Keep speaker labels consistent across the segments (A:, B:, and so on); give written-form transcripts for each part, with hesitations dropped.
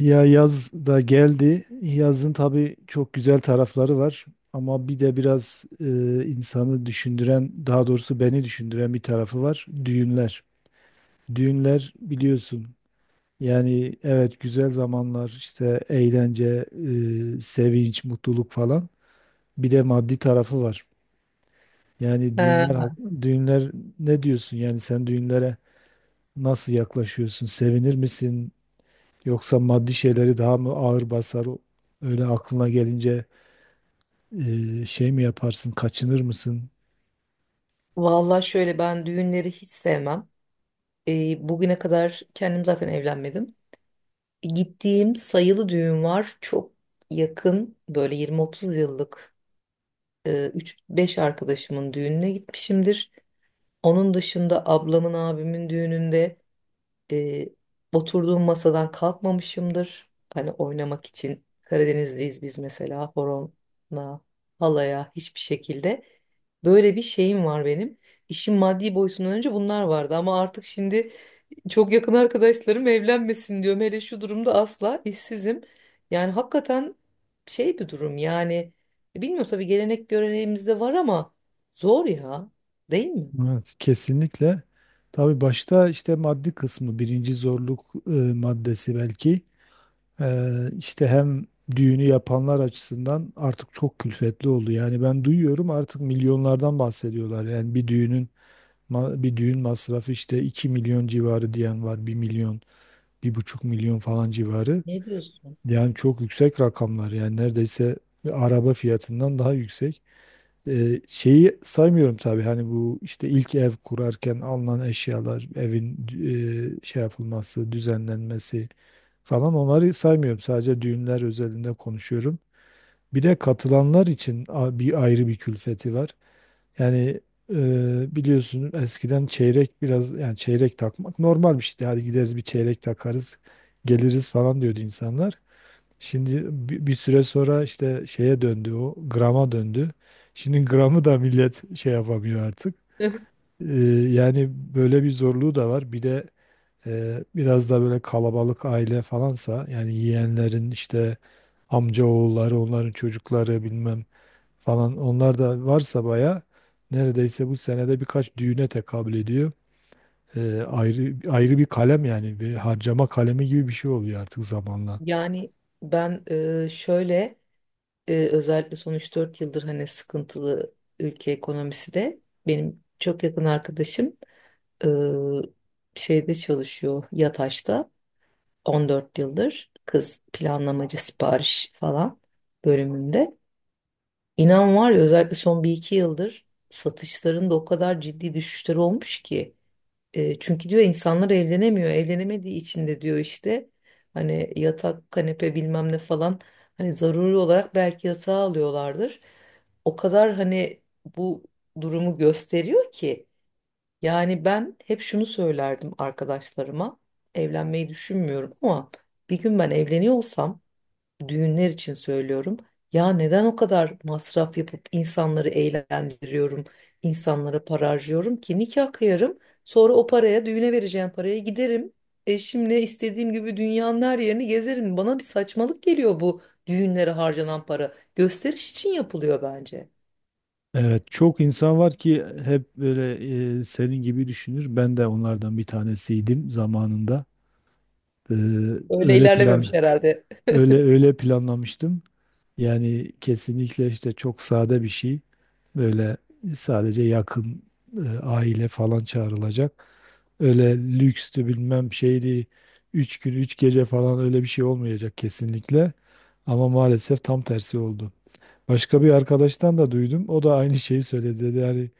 A: Ya yaz da geldi. Yazın tabii çok güzel tarafları var. Ama bir de biraz insanı düşündüren, daha doğrusu beni düşündüren bir tarafı var. Düğünler. Düğünler biliyorsun. Yani evet güzel zamanlar, işte eğlence, sevinç, mutluluk falan. Bir de maddi tarafı var. Yani
B: Ee,
A: düğünler ne diyorsun? Yani sen düğünlere nasıl yaklaşıyorsun? Sevinir misin? Yoksa maddi şeyleri daha mı ağır basar? Öyle aklına gelince şey mi yaparsın, kaçınır mısın?
B: Valla şöyle ben düğünleri hiç sevmem. Bugüne kadar kendim zaten evlenmedim. Gittiğim sayılı düğün var. Çok yakın böyle 20-30 yıllık 3-5 arkadaşımın düğününe gitmişimdir. Onun dışında ablamın abimin düğününde E, oturduğum masadan kalkmamışımdır. Hani oynamak için Karadenizliyiz biz mesela horona, halaya hiçbir şekilde. Böyle bir şeyim var benim. İşin maddi boyutundan önce bunlar vardı ama artık şimdi çok yakın arkadaşlarım evlenmesin diyorum. Hele şu durumda asla işsizim. Yani hakikaten şey bir durum yani. Bilmiyorum tabii gelenek göreneğimizde var ama zor ya. Değil mi?
A: Evet, kesinlikle. Tabii başta işte maddi kısmı, birinci zorluk maddesi belki. E, işte hem düğünü yapanlar açısından artık çok külfetli oldu. Yani ben duyuyorum artık milyonlardan bahsediyorlar. Yani bir düğün masrafı işte 2 milyon civarı diyen var, 1 milyon, 1,5 milyon falan civarı.
B: Ne diyorsun?
A: Yani çok yüksek rakamlar, yani neredeyse bir araba fiyatından daha yüksek. Şeyi saymıyorum tabii, hani bu işte ilk ev kurarken alınan eşyalar, evin şey yapılması, düzenlenmesi falan, onları saymıyorum. Sadece düğünler özelinde konuşuyorum. Bir de katılanlar için bir ayrı bir külfeti var. Yani biliyorsun, eskiden çeyrek biraz, yani çeyrek takmak normal bir şeydi. Hadi gideriz bir çeyrek takarız, geliriz falan diyordu insanlar. Şimdi bir süre sonra işte şeye döndü, o grama döndü. Şimdi gramı da millet şey yapamıyor artık. Ee, yani böyle bir zorluğu da var. Bir de biraz da böyle kalabalık aile falansa, yani yeğenlerin işte amca oğulları, onların çocukları, bilmem falan onlar da varsa baya neredeyse bu senede birkaç düğüne tekabül ediyor. Ayrı ayrı bir kalem, yani bir harcama kalemi gibi bir şey oluyor artık zamanla.
B: Yani ben şöyle özellikle son 3-4 yıldır hani sıkıntılı ülke ekonomisi de benim çok yakın arkadaşım e, şeyde çalışıyor Yataş'ta 14 yıldır kız planlamacı sipariş falan bölümünde. İnan var ya özellikle son bir iki yıldır satışların da o kadar ciddi düşüşleri olmuş ki çünkü diyor insanlar evlenemiyor. Evlenemediği için de diyor işte hani yatak, kanepe bilmem ne falan hani zaruri olarak belki yatağı alıyorlardır. O kadar hani bu durumu gösteriyor ki yani ben hep şunu söylerdim arkadaşlarıma evlenmeyi düşünmüyorum ama bir gün ben evleniyorsam düğünler için söylüyorum. Ya neden o kadar masraf yapıp insanları eğlendiriyorum, insanlara para harcıyorum ki nikah kıyarım, sonra o paraya düğüne vereceğim paraya giderim. Eşimle istediğim gibi dünyanın her yerini gezerim. Bana bir saçmalık geliyor bu düğünlere harcanan para. Gösteriş için yapılıyor bence.
A: Evet, çok insan var ki hep böyle senin gibi düşünür. Ben de onlardan bir tanesiydim zamanında. Ee,
B: Öyle
A: öyle
B: ilerlememiş
A: plan
B: herhalde.
A: öyle öyle planlamıştım. Yani kesinlikle işte çok sade bir şey. Böyle sadece yakın aile falan çağrılacak. Öyle lükstü, bilmem şeydi. 3 gün, 3 gece falan öyle bir şey olmayacak kesinlikle. Ama maalesef tam tersi oldu. Başka bir arkadaştan da duydum. O da aynı şeyi söyledi, dedi. Yani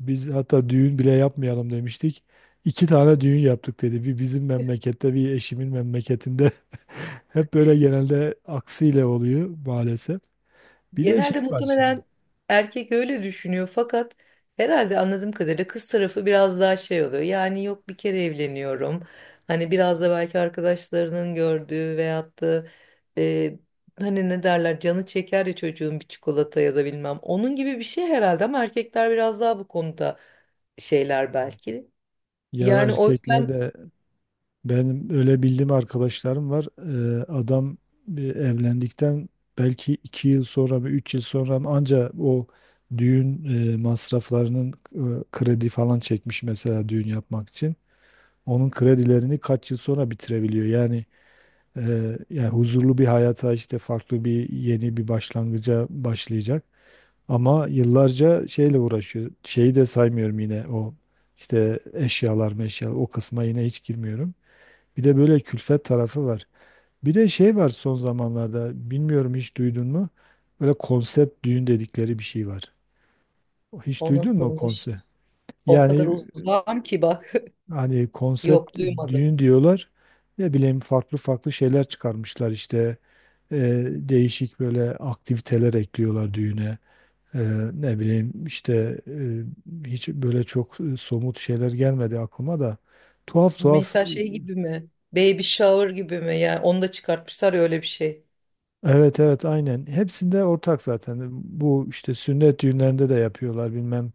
A: biz hatta düğün bile yapmayalım demiştik. 2 tane düğün yaptık dedi. Bir bizim memlekette, bir eşimin memleketinde. Hep böyle genelde aksiyle oluyor maalesef. Bir de
B: Genelde
A: şey var şimdi.
B: muhtemelen erkek öyle düşünüyor fakat herhalde anladığım kadarıyla kız tarafı biraz daha şey oluyor. Yani yok bir kere evleniyorum. Hani biraz da belki arkadaşlarının gördüğü veyahut da e, hani ne derler canı çeker ya çocuğun bir çikolata ya da bilmem. Onun gibi bir şey herhalde ama erkekler biraz daha bu konuda şeyler belki.
A: Ya
B: Yani o yüzden
A: erkeklerde. Benim öyle bildiğim arkadaşlarım var. Adam evlendikten belki 2 yıl sonra mı, 3 yıl sonra mı anca o düğün masraflarının kredi falan çekmiş mesela düğün yapmak için. Onun kredilerini kaç yıl sonra bitirebiliyor. Yani huzurlu bir hayata, işte farklı bir, yeni bir başlangıca başlayacak. Ama yıllarca şeyle uğraşıyor. Şeyi de saymıyorum yine, o işte eşyalar meşyalar, o kısma yine hiç girmiyorum. Bir de böyle külfet tarafı var. Bir de şey var son zamanlarda, bilmiyorum hiç duydun mu? Böyle konsept düğün dedikleri bir şey var. Hiç
B: o
A: duydun mu o
B: nasılmış?
A: konsept?
B: O kadar
A: Yani
B: uzağım ki bak
A: hani
B: yok
A: konsept
B: duymadım.
A: düğün diyorlar. Ne bileyim farklı farklı şeyler çıkarmışlar işte. Değişik böyle aktiviteler ekliyorlar düğüne. E, ne bileyim işte, hiç böyle çok somut şeyler gelmedi aklıma da. Tuhaf tuhaf.
B: Mesela şey gibi mi? Baby shower gibi mi? Yani onu da çıkartmışlar ya öyle bir şey.
A: Evet, evet, aynen. Hepsinde ortak zaten. Bu işte sünnet düğünlerinde de yapıyorlar, bilmem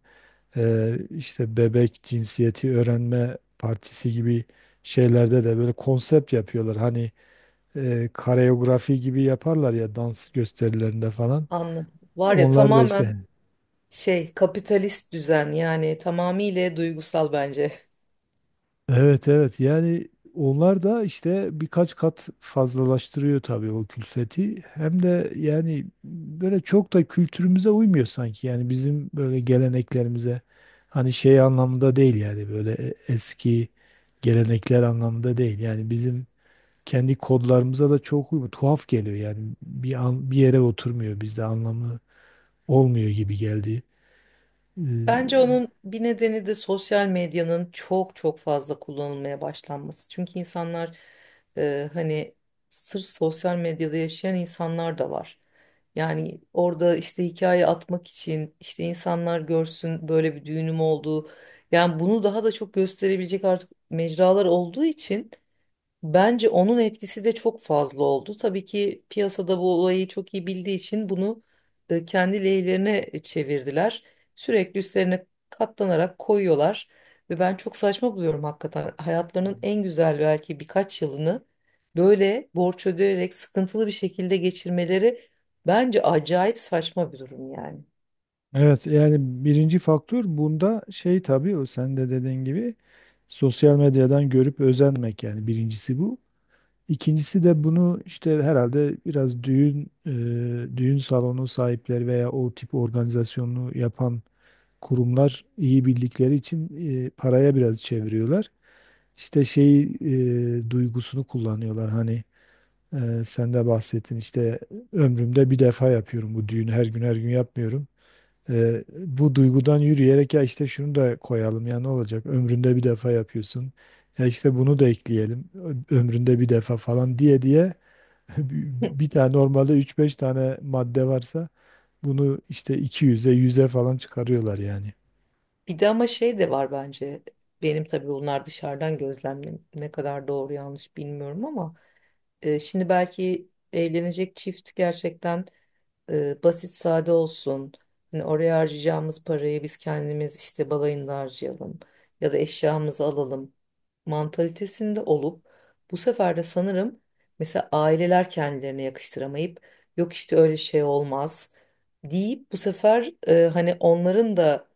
A: işte bebek cinsiyeti öğrenme partisi gibi şeylerde de böyle konsept yapıyorlar. Hani kareografi gibi yaparlar ya, dans gösterilerinde falan.
B: Anladım. Var ya
A: Onlar da işte.
B: tamamen şey kapitalist düzen yani tamamıyla duygusal bence.
A: Evet, evet, yani onlar da işte birkaç kat fazlalaştırıyor tabii o külfeti. Hem de yani böyle çok da kültürümüze uymuyor sanki, yani bizim böyle geleneklerimize. Hani şey anlamında değil, yani böyle eski gelenekler anlamında değil. Yani bizim kendi kodlarımıza da çok uymuyor. Tuhaf geliyor yani bir an, bir yere oturmuyor, bizde anlamı olmuyor gibi geldi.
B: Bence onun bir nedeni de sosyal medyanın çok çok fazla kullanılmaya başlanması. Çünkü insanlar hani sırf sosyal medyada yaşayan insanlar da var. Yani orada işte hikaye atmak için işte insanlar görsün böyle bir düğünüm olduğu. Yani bunu daha da çok gösterebilecek artık mecralar olduğu için. Bence onun etkisi de çok fazla oldu. Tabii ki piyasada bu olayı çok iyi bildiği için bunu kendi lehlerine çevirdiler. Sürekli üstlerine katlanarak koyuyorlar. Ve ben çok saçma buluyorum hakikaten. Hayatlarının en güzel belki birkaç yılını böyle borç ödeyerek sıkıntılı bir şekilde geçirmeleri bence acayip saçma bir durum yani.
A: Evet yani birinci faktör bunda şey, tabii o sen de dediğin gibi sosyal medyadan görüp özenmek, yani birincisi bu. İkincisi de bunu işte herhalde biraz düğün salonu sahipleri veya o tip organizasyonu yapan kurumlar iyi bildikleri için paraya biraz çeviriyorlar. İşte şey, duygusunu kullanıyorlar, hani sen de bahsettin işte ömrümde bir defa yapıyorum bu düğünü, her gün her gün yapmıyorum. Bu duygudan yürüyerek, ya işte şunu da koyalım, ya ne olacak ömründe bir defa yapıyorsun, ya işte bunu da ekleyelim, ömründe bir defa falan diye diye, bir tane normalde üç beş tane madde varsa bunu işte iki yüze falan çıkarıyorlar yani.
B: Bir de ama şey de var bence. Benim tabii bunlar dışarıdan gözlemlem ne kadar doğru yanlış bilmiyorum ama şimdi belki evlenecek çift gerçekten basit sade olsun. Hani oraya harcayacağımız parayı biz kendimiz işte balayında harcayalım ya da eşyamızı alalım mantalitesinde olup bu sefer de sanırım mesela aileler kendilerine yakıştıramayıp yok işte öyle şey olmaz deyip bu sefer hani onların da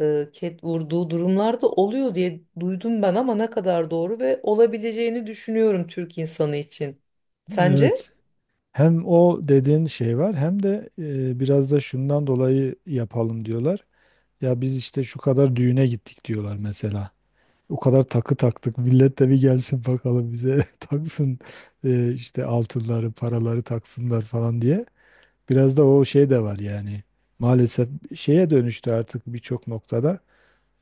B: ket vurduğu durumlar da oluyor diye duydum ben ama ne kadar doğru ve olabileceğini düşünüyorum Türk insanı için. Sence?
A: Evet. Hem o dediğin şey var, hem de biraz da şundan dolayı yapalım diyorlar. Ya biz işte şu kadar düğüne gittik diyorlar mesela. O kadar takı taktık. Millet de bir gelsin bakalım bize taksın, işte altınları, paraları taksınlar falan diye. Biraz da o şey de var yani. Maalesef şeye dönüştü artık birçok noktada.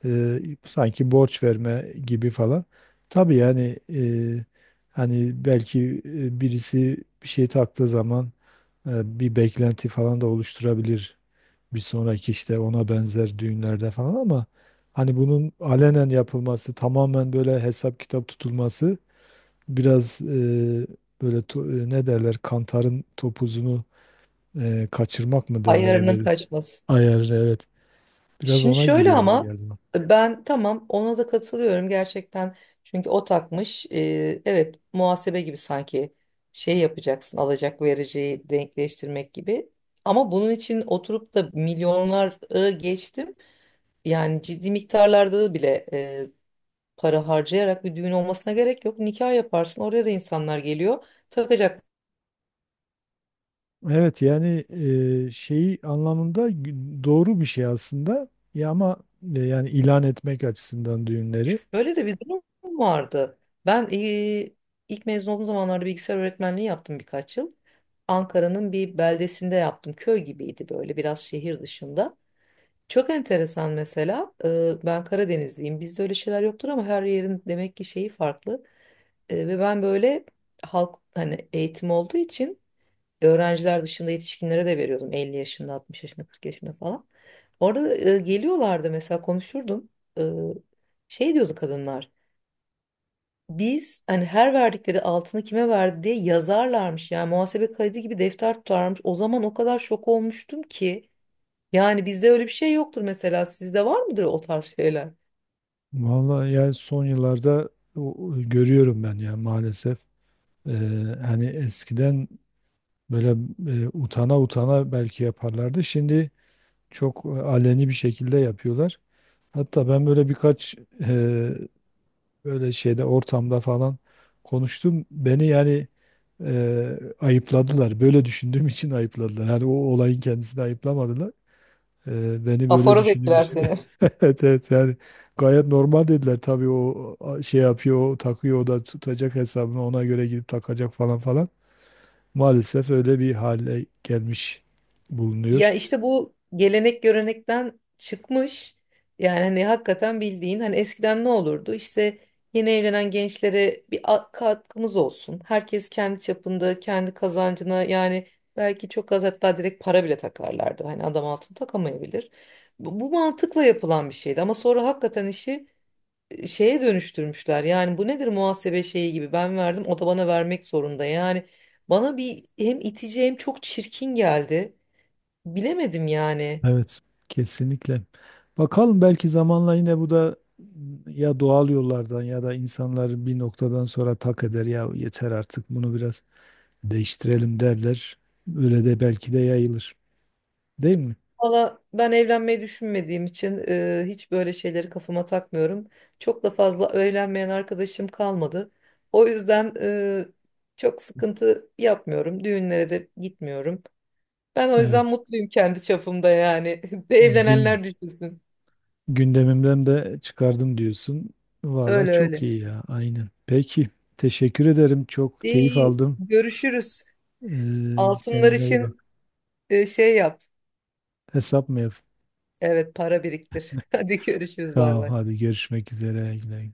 A: E, sanki borç verme gibi falan. Tabii yani hani belki birisi bir şey taktığı zaman bir beklenti falan da oluşturabilir bir sonraki işte ona benzer düğünlerde falan. Ama hani bunun alenen yapılması, tamamen böyle hesap kitap tutulması, biraz böyle ne derler, kantarın topuzunu kaçırmak mı derler,
B: Ayarının
A: öyle bir
B: kaçması.
A: ayar, evet, biraz
B: Şimdi
A: ona
B: şöyle
A: giriyor gibi
B: ama
A: geldi bana.
B: ben tamam ona da katılıyorum gerçekten. Çünkü o takmış. Evet, muhasebe gibi sanki şey yapacaksın alacak vereceği denkleştirmek gibi. Ama bunun için oturup da milyonlara geçtim. Yani ciddi miktarlarda bile para harcayarak bir düğün olmasına gerek yok. Nikah yaparsın oraya da insanlar geliyor. Takacak.
A: Evet yani şeyi anlamında doğru bir şey aslında ya, ama yani ilan etmek açısından düğünleri.
B: Şöyle de bir durum vardı. Ben ilk mezun olduğum zamanlarda bilgisayar öğretmenliği yaptım birkaç yıl. Ankara'nın bir beldesinde yaptım. Köy gibiydi böyle biraz şehir dışında. Çok enteresan mesela. Ben Karadenizliyim. Bizde öyle şeyler yoktur ama her yerin demek ki şeyi farklı. Ve ben böyle halk hani eğitim olduğu için öğrenciler dışında yetişkinlere de veriyordum. 50 yaşında, 60 yaşında, 40 yaşında falan. Orada geliyorlardı mesela konuşurdum. Eee, Şey diyordu kadınlar. Biz hani her verdikleri altını kime verdi diye yazarlarmış yani muhasebe kaydı gibi defter tutarmış. O zaman o kadar şok olmuştum ki yani bizde öyle bir şey yoktur mesela sizde var mıdır o tarz şeyler?
A: Vallahi yani son yıllarda o görüyorum ben ya, maalesef. Ee, hani eskiden böyle utana utana belki yaparlardı. Şimdi çok aleni bir şekilde yapıyorlar. Hatta ben böyle birkaç e, böyle şeyde, ortamda falan konuştum. Beni yani ayıpladılar. Böyle düşündüğüm için ayıpladılar. Hani o olayın kendisini ayıplamadılar. Beni böyle
B: Aforoz
A: düşündüğüm
B: ettiler
A: için.
B: seni.
A: Evet, evet, yani gayet normal dediler. Tabii o şey yapıyor, o takıyor, o da tutacak hesabını ona göre girip takacak falan falan. Maalesef öyle bir hale gelmiş
B: Ya
A: bulunuyor.
B: işte bu gelenek görenekten çıkmış. Yani hani hakikaten bildiğin hani eskiden ne olurdu? İşte yeni evlenen gençlere bir katkımız olsun. Herkes kendi çapında, kendi kazancına yani belki çok az hatta direkt para bile takarlardı. Hani adam altın takamayabilir. Bu, bu mantıkla yapılan bir şeydi ama sonra hakikaten işi şeye dönüştürmüşler. Yani bu nedir muhasebe şeyi gibi ben verdim o da bana vermek zorunda. Yani bana bir hem itici hem çok çirkin geldi. Bilemedim yani.
A: Evet, kesinlikle. Bakalım belki zamanla yine bu da ya doğal yollardan ya da insanlar bir noktadan sonra tak eder ya, yeter artık, bunu biraz değiştirelim derler. Öyle de belki de yayılır. Değil mi?
B: Valla ben evlenmeyi düşünmediğim için hiç böyle şeyleri kafama takmıyorum. Çok da fazla evlenmeyen arkadaşım kalmadı. O yüzden çok sıkıntı yapmıyorum. Düğünlere de gitmiyorum. Ben o yüzden
A: Evet.
B: mutluyum kendi çapımda yani. Bir
A: Gün
B: evlenenler düşünsün.
A: Gündemimden de çıkardım diyorsun. Valla
B: Öyle
A: çok
B: öyle.
A: iyi ya, aynen. Peki, teşekkür ederim. Çok keyif
B: İyi,
A: aldım.
B: görüşürüz.
A: Ee,
B: Altınlar
A: kendine iyi
B: için
A: bak.
B: şey yap.
A: Hesap mı yap?
B: Evet, para biriktir. Hadi görüşürüz bay
A: Tamam,
B: bay.
A: hadi görüşmek üzere. Güle güle.